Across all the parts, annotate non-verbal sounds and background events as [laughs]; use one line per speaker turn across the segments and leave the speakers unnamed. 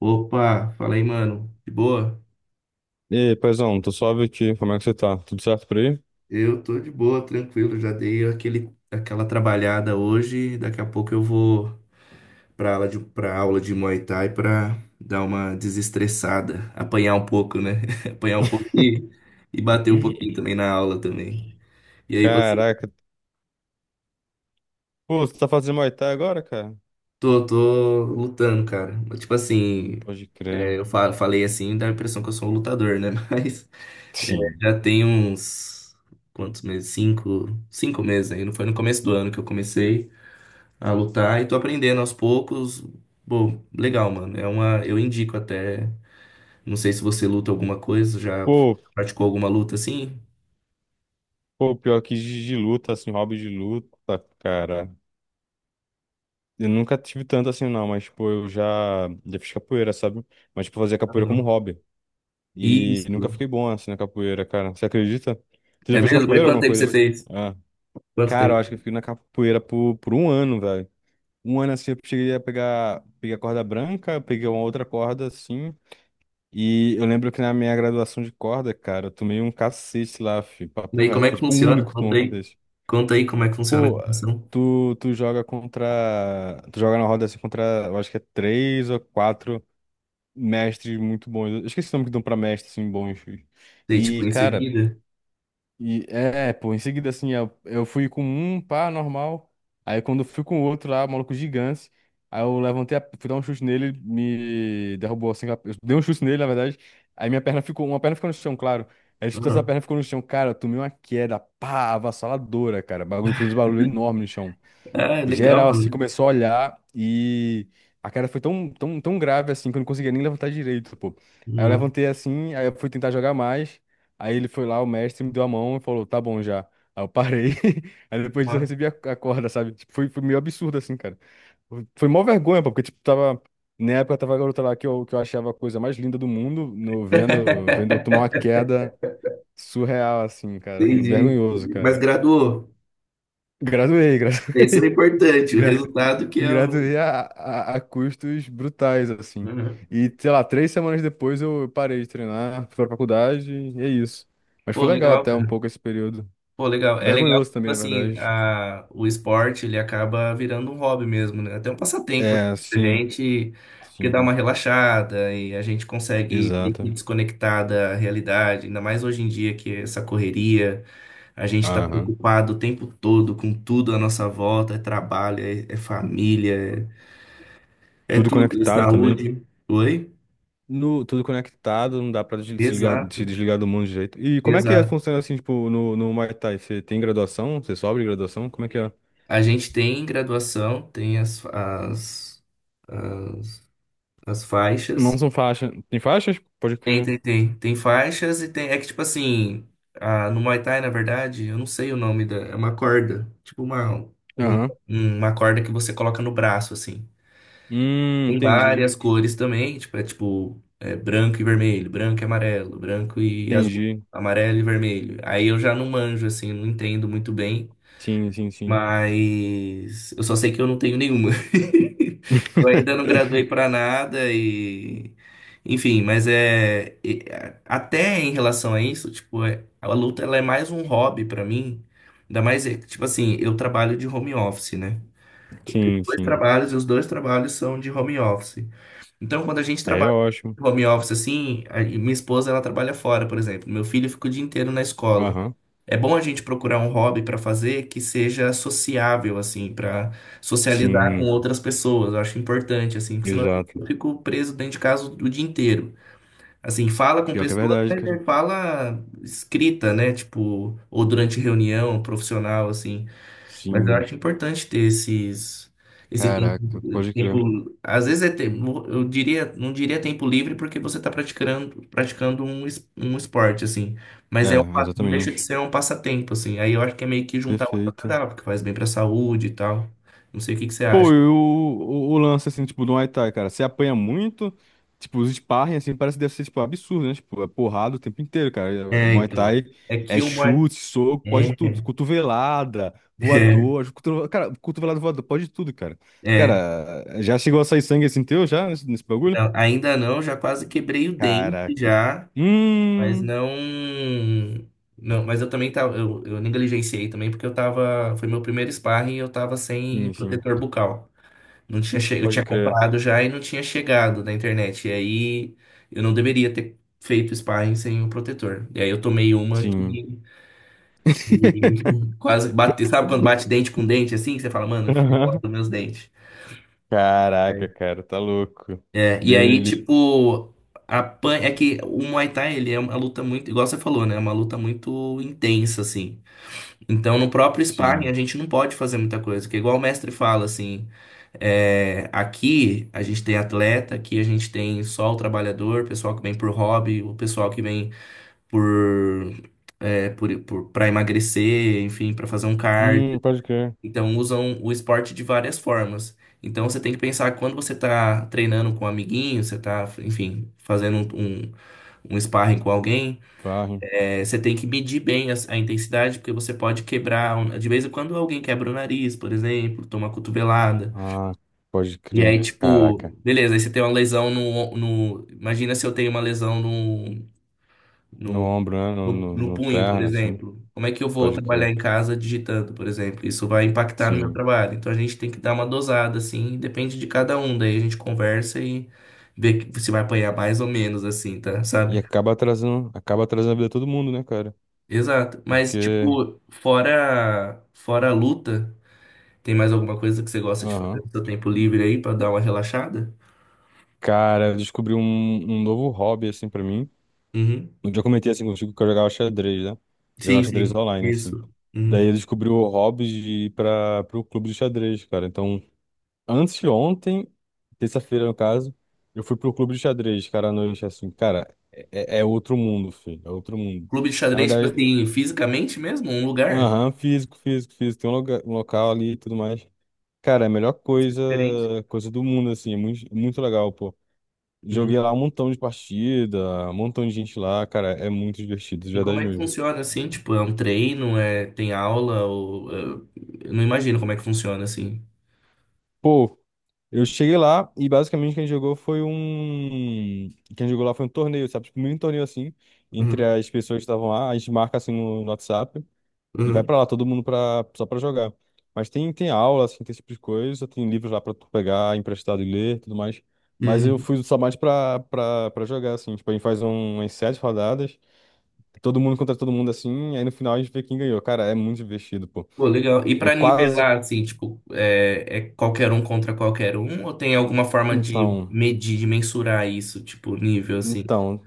Opa, fala aí, mano. De boa?
E aí, paizão, tô suave aqui. Como é que você tá? Tudo certo por aí?
Eu tô de boa, tranquilo. Já dei aquela trabalhada hoje. Daqui a pouco eu vou pra aula de Muay Thai pra dar uma desestressada, apanhar um pouco, né? [laughs] Apanhar um pouco e bater um pouquinho também na aula também. E aí você?
Caraca. Pô, você tá fazendo Muay Thai agora, cara?
Tô lutando, cara. Tipo assim,
Pode crer.
eu falei assim, dá a impressão que eu sou um lutador, né? [laughs] Mas é.
Sim.
Já tem uns, quantos meses? Cinco meses aí. Não, foi no começo do ano que eu comecei a lutar e tô aprendendo aos poucos. Bom, legal, mano. Eu indico até. Não sei se você luta alguma coisa, já
Pô,
praticou alguma luta assim?
pô, pior que de luta, assim, hobby de luta, cara. Eu nunca tive tanto assim, não, mas, pô, eu já fiz capoeira, sabe? Mas, tipo, eu fazia
Ah,
capoeira como
legal.
hobby. E nunca
Isso.
fiquei bom, assim, na capoeira, cara. Você acredita? Você já
É
fez
mesmo? Mas
capoeira,
quanto
alguma
tempo
coisa
você
assim?
fez?
Ah.
Quanto
Cara, eu
tempo?
acho que eu fiquei na capoeira por um ano, velho. Um ano assim eu cheguei a pegar, peguei a corda branca, eu peguei uma outra corda assim. E eu lembro que na minha graduação de corda, cara, eu tomei um cacete lá, fi,
E
papo
aí, como
reto.
é
Foi
que
tipo o
funciona?
único que tomou
Conta
um
aí.
cacete.
Conta aí como é que funciona a
Pô,
gravação.
tu joga contra. Tu joga na roda assim contra, eu acho que é três ou quatro mestres muito bons. Eu esqueci o nome que dão pra mestres assim bons. Fi.
Sei, tipo,
E,
em
cara.
seguida.
E é, pô, em seguida, assim, eu fui com um pá normal. Aí quando eu fui com o outro lá, maluco gigante. Aí eu levantei, a, fui dar um chute nele, me derrubou assim. Eu dei um chute nele, na verdade. Aí minha perna ficou, uma perna ficou no chão, claro. Aí chutou essa
Uhum.
perna ficou no chão. Cara, eu tomei uma queda, pá, avassaladora, cara. O bagulho fez um barulho enorme no chão.
Ah, legal,
Geral, assim,
mano.
começou a olhar e a cara foi tão, tão, tão grave, assim, que eu não conseguia nem levantar direito, pô. Aí eu
Nossa,
levantei assim, aí eu fui tentar jogar mais. Aí ele foi lá, o mestre me deu a mão e falou, tá bom já. Aí eu parei. [laughs] Aí depois disso eu
massa.
recebi a corda, sabe? Tipo, foi meio absurdo, assim, cara. Foi mó vergonha, pô, porque, tipo, tava. Na época tava a garota lá que eu achava a coisa mais linda do mundo, no, vendo, vendo eu tomar
[laughs]
uma queda surreal, assim, cara. Foi
Entendi.
vergonhoso,
Mas
cara.
graduou.
Graduei, [laughs]
Isso é
graduei.
importante, o
Gratu...
resultado que é
Gratuito
o. [laughs]
a custos brutais, assim.
Uhum.
E, sei lá, 3 semanas depois eu parei de treinar, fui pra faculdade e é isso. Mas
Pô,
foi legal
legal,
até um
cara.
pouco esse período.
Pô, legal. É legal que,
Vergonhoso
tipo
também, na
assim,
verdade.
o esporte ele acaba virando um hobby mesmo, né? Até um passatempo
É,
pra
sim,
gente, porque dá uma
sim,
relaxada e a gente consegue meio que
exato.
desconectar da realidade, ainda mais hoje em dia que é essa correria, a gente tá
Aham.
preocupado o tempo todo com tudo à nossa volta, é trabalho, é família, é
Tudo
tudo, é
conectado também.
saúde. Oi?
No, tudo conectado, não dá pra se
Exato.
desligar do mundo de jeito. E como é que é,
Exato.
funciona assim, tipo, no Muay Thai? Você tem graduação? Você sobe de graduação? Como é que é?
A gente tem graduação, tem as
Não
faixas.
são faixas. Tem faixas? Pode
Tem,
crer.
tem, tem. Tem faixas e tem. É que, tipo assim, ah, no Muay Thai, na verdade, eu não sei o nome da. É uma corda. Tipo um-
Aham.
uma corda que você coloca no braço, assim. Tem
Entendi.
várias cores também, tipo, é tipo, é branco e vermelho, branco e amarelo, branco e azul,
Entendi.
amarelo e vermelho. Aí eu já não manjo, assim, não entendo muito bem.
Sim, sim, sim.
Mas eu só sei que eu não tenho nenhuma. [laughs] Eu ainda não graduei
[laughs]
para nada e enfim. Mas até em relação a isso, tipo, a luta ela é mais um hobby para mim. Ainda mais, é, tipo assim, eu trabalho de home office, né?
Sim,
Dois
sim.
trabalhos e os dois trabalhos são de home office. Então, quando a gente
É
trabalha
ótimo.
de home office assim, e minha esposa ela trabalha fora, por exemplo. Meu filho fica o dia inteiro na escola.
Aham.
É bom a gente procurar um hobby para fazer que seja sociável, assim, para socializar com
Sim,
outras pessoas. Eu acho importante, assim, porque senão
exato.
eu fico preso dentro de casa o dia inteiro. Assim, fala com
Pior que é
pessoas,
verdade,
mas
cara.
é fala escrita, né? Tipo, ou durante reunião profissional, assim. Mas eu
Sim.
acho importante ter esse
Caraca,
tempo,
pode crer.
às vezes é tempo, eu diria, não diria tempo livre porque você está praticando um esporte, assim, mas
É,
é, não deixa de
exatamente.
ser um passatempo, assim, aí eu acho que é meio que juntar o
Perfeito.
agradável, porque faz bem para a saúde e tal, não sei o que que você
Pô,
acha.
e o lance, assim, tipo, do Muay Thai, cara, você apanha muito, tipo, os sparring, assim, parece que deve ser, tipo, absurdo, né? Tipo, é porrada o tempo inteiro, cara. É
É,
Muay
então,
Thai
é que
é
uma...
chute, soco, pode
É,
tudo. Cotovelada,
[laughs] é,
voador, cotovelada, cara, cotovelada, voador, pode tudo, cara.
é.
Cara, já chegou a sair sangue, assim, teu, já, nesse bagulho?
Não, ainda não. Já quase quebrei o dente,
Caraca.
já. Mas
Hum,
não. Não, mas eu também tava. Eu negligenciei também, porque eu tava. Foi meu primeiro sparring e eu tava sem
sim, sim,
protetor bucal. Não tinha che... Eu
pode
tinha
crer.
comprado já e não tinha chegado na internet. E aí eu não deveria ter feito sparring sem o protetor. E aí eu tomei uma
Sim.
que
[laughs]
[laughs] quase bate. Sabe quando bate dente com dente assim? Que você fala, mano, foi embora
Aham.
dos meus dentes.
Caraca, cara, tá louco.
É, e
Deus me
aí,
livre.
tipo, a pan é que o Muay Thai, ele é uma luta muito, igual você falou, né? É uma luta muito intensa, assim. Então, no próprio sparring, a
Sim.
gente não pode fazer muita coisa, porque igual o mestre fala, assim, é, aqui a gente tem atleta, aqui a gente tem só o trabalhador, o pessoal que vem por hobby, o pessoal que vem por, é, por, para emagrecer, enfim, para fazer um cardio.
Pode crer.
Então, usam o esporte de várias formas. Então, você tem que pensar que quando você tá treinando com um amiguinho, você tá, enfim, fazendo um sparring com alguém,
Parre.
você tem que medir bem a intensidade, porque você pode quebrar. De vez em quando alguém quebra o nariz, por exemplo, toma uma cotovelada.
Ah, pode
E aí,
crer.
tipo,
Caraca.
beleza, aí você tem uma lesão no, no. Imagina se eu tenho uma lesão
No
no,
ombro, né? No,
no,
no,
no
no
punho, por
perna, assim.
exemplo. Como é que eu vou
Pode crer.
trabalhar em casa digitando, por exemplo? Isso vai impactar no meu
Sim.
trabalho. Então a gente tem que dar uma dosada, assim, depende de cada um. Daí a gente conversa e vê se vai apanhar mais ou menos, assim, tá?
E
Sabe?
acaba atrasando a vida de todo mundo, né, cara?
Exato. Mas,
Porque,
tipo, fora a luta, tem mais alguma coisa que você gosta de fazer
aham.
no seu tempo livre aí pra dar uma relaxada?
Cara, eu descobri um novo hobby, assim, pra mim.
Uhum.
Um dia eu comentei, assim, contigo que eu jogava xadrez, né? Jogava
Sim,
xadrez
sim.
online, assim.
Isso. Uhum.
Daí eu descobri o hobby de ir pro clube de xadrez, cara. Então, antes de ontem, terça-feira no caso, eu fui pro clube de xadrez, cara, à noite, assim, cara, é, é outro mundo, filho, é outro mundo.
Clube de
Na
xadrez, tipo
verdade,
assim, fisicamente mesmo? Um lugar?
aham, físico, físico, físico, tem um, lugar, um local ali e tudo mais. Cara, é a melhor coisa,
Diferente.
coisa do mundo, assim, é muito, muito legal, pô.
Uhum.
Joguei lá um montão de partida, um montão de gente lá, cara, é muito divertido, de
E como
verdade
é que
mesmo.
funciona assim? Tipo, é um treino? É, tem aula? Ou, eu não imagino como é que funciona assim.
Pô, eu cheguei lá e basicamente quem jogou foi um. Quem jogou lá foi um torneio, sabe? Tipo, um mini torneio assim, entre
Uhum.
as pessoas que estavam lá. A gente marca assim no WhatsApp e vai
Uhum.
pra lá, todo mundo pra, só pra jogar. Mas tem aula, assim, tem esse tipo de coisa, tem livros lá pra tu pegar, emprestado e ler, tudo mais. Mas eu
Uhum.
fui só mais pra jogar, assim. Tipo, a gente faz um, umas sete rodadas, todo mundo contra todo mundo assim, aí no final a gente vê quem ganhou. Cara, é muito divertido, pô.
Pô, legal. E
Eu
pra
quase.
nivelar, assim, tipo, é qualquer um contra qualquer um? Ou tem alguma forma de
Então.
medir, de mensurar isso, tipo, nível, assim?
Então,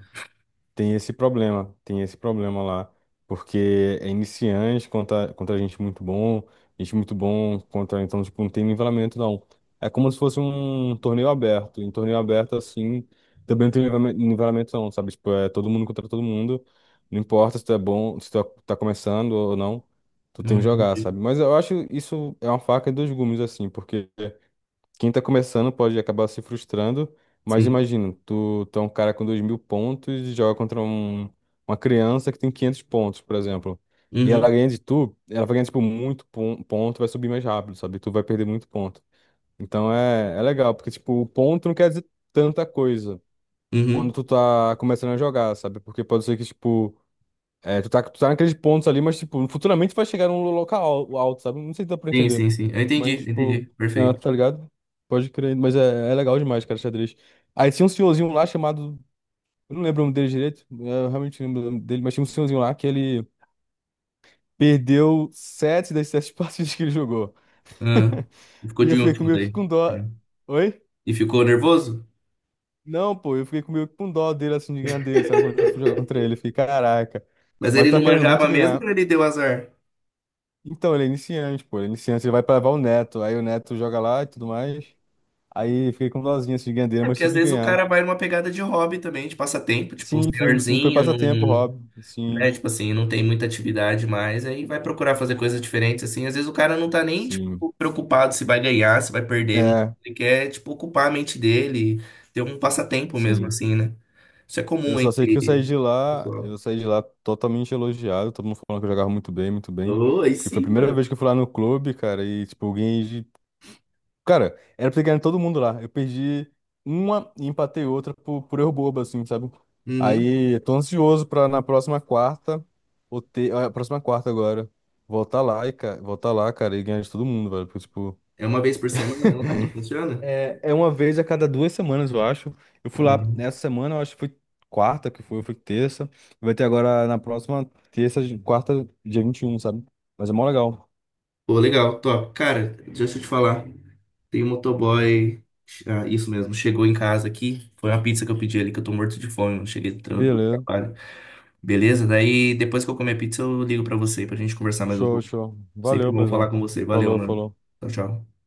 tem esse problema lá, porque é iniciante contra, contra gente muito bom contra, então, tipo, não tem nivelamento, não. É como se fosse um torneio aberto, em torneio aberto, assim, também não tem nivelamento, não, sabe? Tipo, é todo mundo contra todo mundo, não importa se tu é bom, se tu é, tá começando ou não, tu tem
Não
que jogar,
entendi.
sabe? Mas eu acho isso é uma faca de dois gumes, assim, porque quem tá começando pode acabar se frustrando, mas
Sim.
imagina, tu é um cara com 2.000 pontos e joga contra um, uma criança que tem 500 pontos, por exemplo. E ela
Uhum,
ganha de tu, ela vai ganhar, tipo, muito ponto, vai subir mais rápido, sabe? Tu vai perder muito ponto. Então é, é legal, porque, tipo, o ponto não quer dizer tanta coisa quando
uhum.
tu tá começando a jogar, sabe? Porque pode ser que, tipo, é, tu tá naqueles pontos ali, mas, tipo, futuramente vai chegar num local alto, sabe? Não sei se dá pra
Sim,
entender.
sim, sim. Eu entendi,
Mas, tipo,
entendi.
ah,
Perfeito.
tá ligado? Pode crer, mas é, é legal demais, cara, xadrez. Aí tinha um senhorzinho lá chamado. Eu não lembro o nome dele direito, é, eu realmente não lembro o nome dele, mas tinha um senhorzinho lá que ele perdeu sete das sete [laughs] partidas que ele jogou.
Ah, ficou
E
de
eu fiquei
último
meio que
daí.
com dó. Oi?
E ficou nervoso?
Não, pô, eu fiquei meio que com dó dele, assim, de ganhar dele, sabe? Quando eu fui jogar contra ele, eu fiquei, caraca.
Mas
Mas eu
ele não
tava querendo muito
manjava mesmo
ganhar.
ou ele deu azar?
Então, ele é iniciante, pô. Ele é iniciante, ele vai pra levar o Neto. Aí o Neto joga lá e tudo mais. Aí fiquei com dozinha assim, de ganhar dele,
É
mas
porque às
tive que
vezes o
ganhar.
cara vai numa pegada de hobby também, de passatempo, tipo, um
Sim, foi
senhorzinho,
passatempo,
num,
Rob. Sim,
né? Tipo assim, não tem muita atividade mais, aí vai procurar fazer coisas diferentes, assim. Às vezes o cara não tá nem,
sim.
tipo, preocupado se vai ganhar, se vai perder.
É,
Ele quer, tipo, ocupar a mente dele, ter um passatempo mesmo,
sim.
assim, né? Isso é
Eu
comum
só sei que eu saí
entre
de
o
lá, eu
pessoal.
saí de lá totalmente elogiado, todo mundo falando que eu jogava muito bem, muito bem.
Ô, aí
Porque foi a
sim,
primeira
mano.
vez que eu fui lá no clube, cara, e, tipo, eu ganhei de. Cara, era pra ter ganho todo mundo lá. Eu perdi uma e empatei outra por erro bobo, assim, sabe?
Uhum.
Aí, eu tô ansioso pra na próxima quarta, ou ter, a próxima quarta agora, voltar lá e, cara, voltar lá, cara, e ganhar de todo mundo, velho. Porque, tipo,
É uma vez por semana lá que funciona?
é uma vez a cada 2 semanas, eu acho. Eu fui lá
Ah.
essa semana, eu acho que foi quarta que foi, foi terça. Vai ter agora na próxima terça, quarta, dia 21 sabe? Mas é mó legal.
Pô, legal, top. Cara, deixa eu te falar. Tem um motoboy. Ah, isso mesmo, chegou em casa aqui. Foi uma pizza que eu pedi ali, que eu tô morto de fome, mano. Cheguei do
Beleza.
trabalho. Beleza? Daí depois que eu comer pizza, eu ligo pra você pra gente conversar mais um
Show,
pouco.
show.
Sempre
Valeu,
bom falar
paizão.
com você. Valeu,
Falou,
mano.
falou.
Tchau, tchau.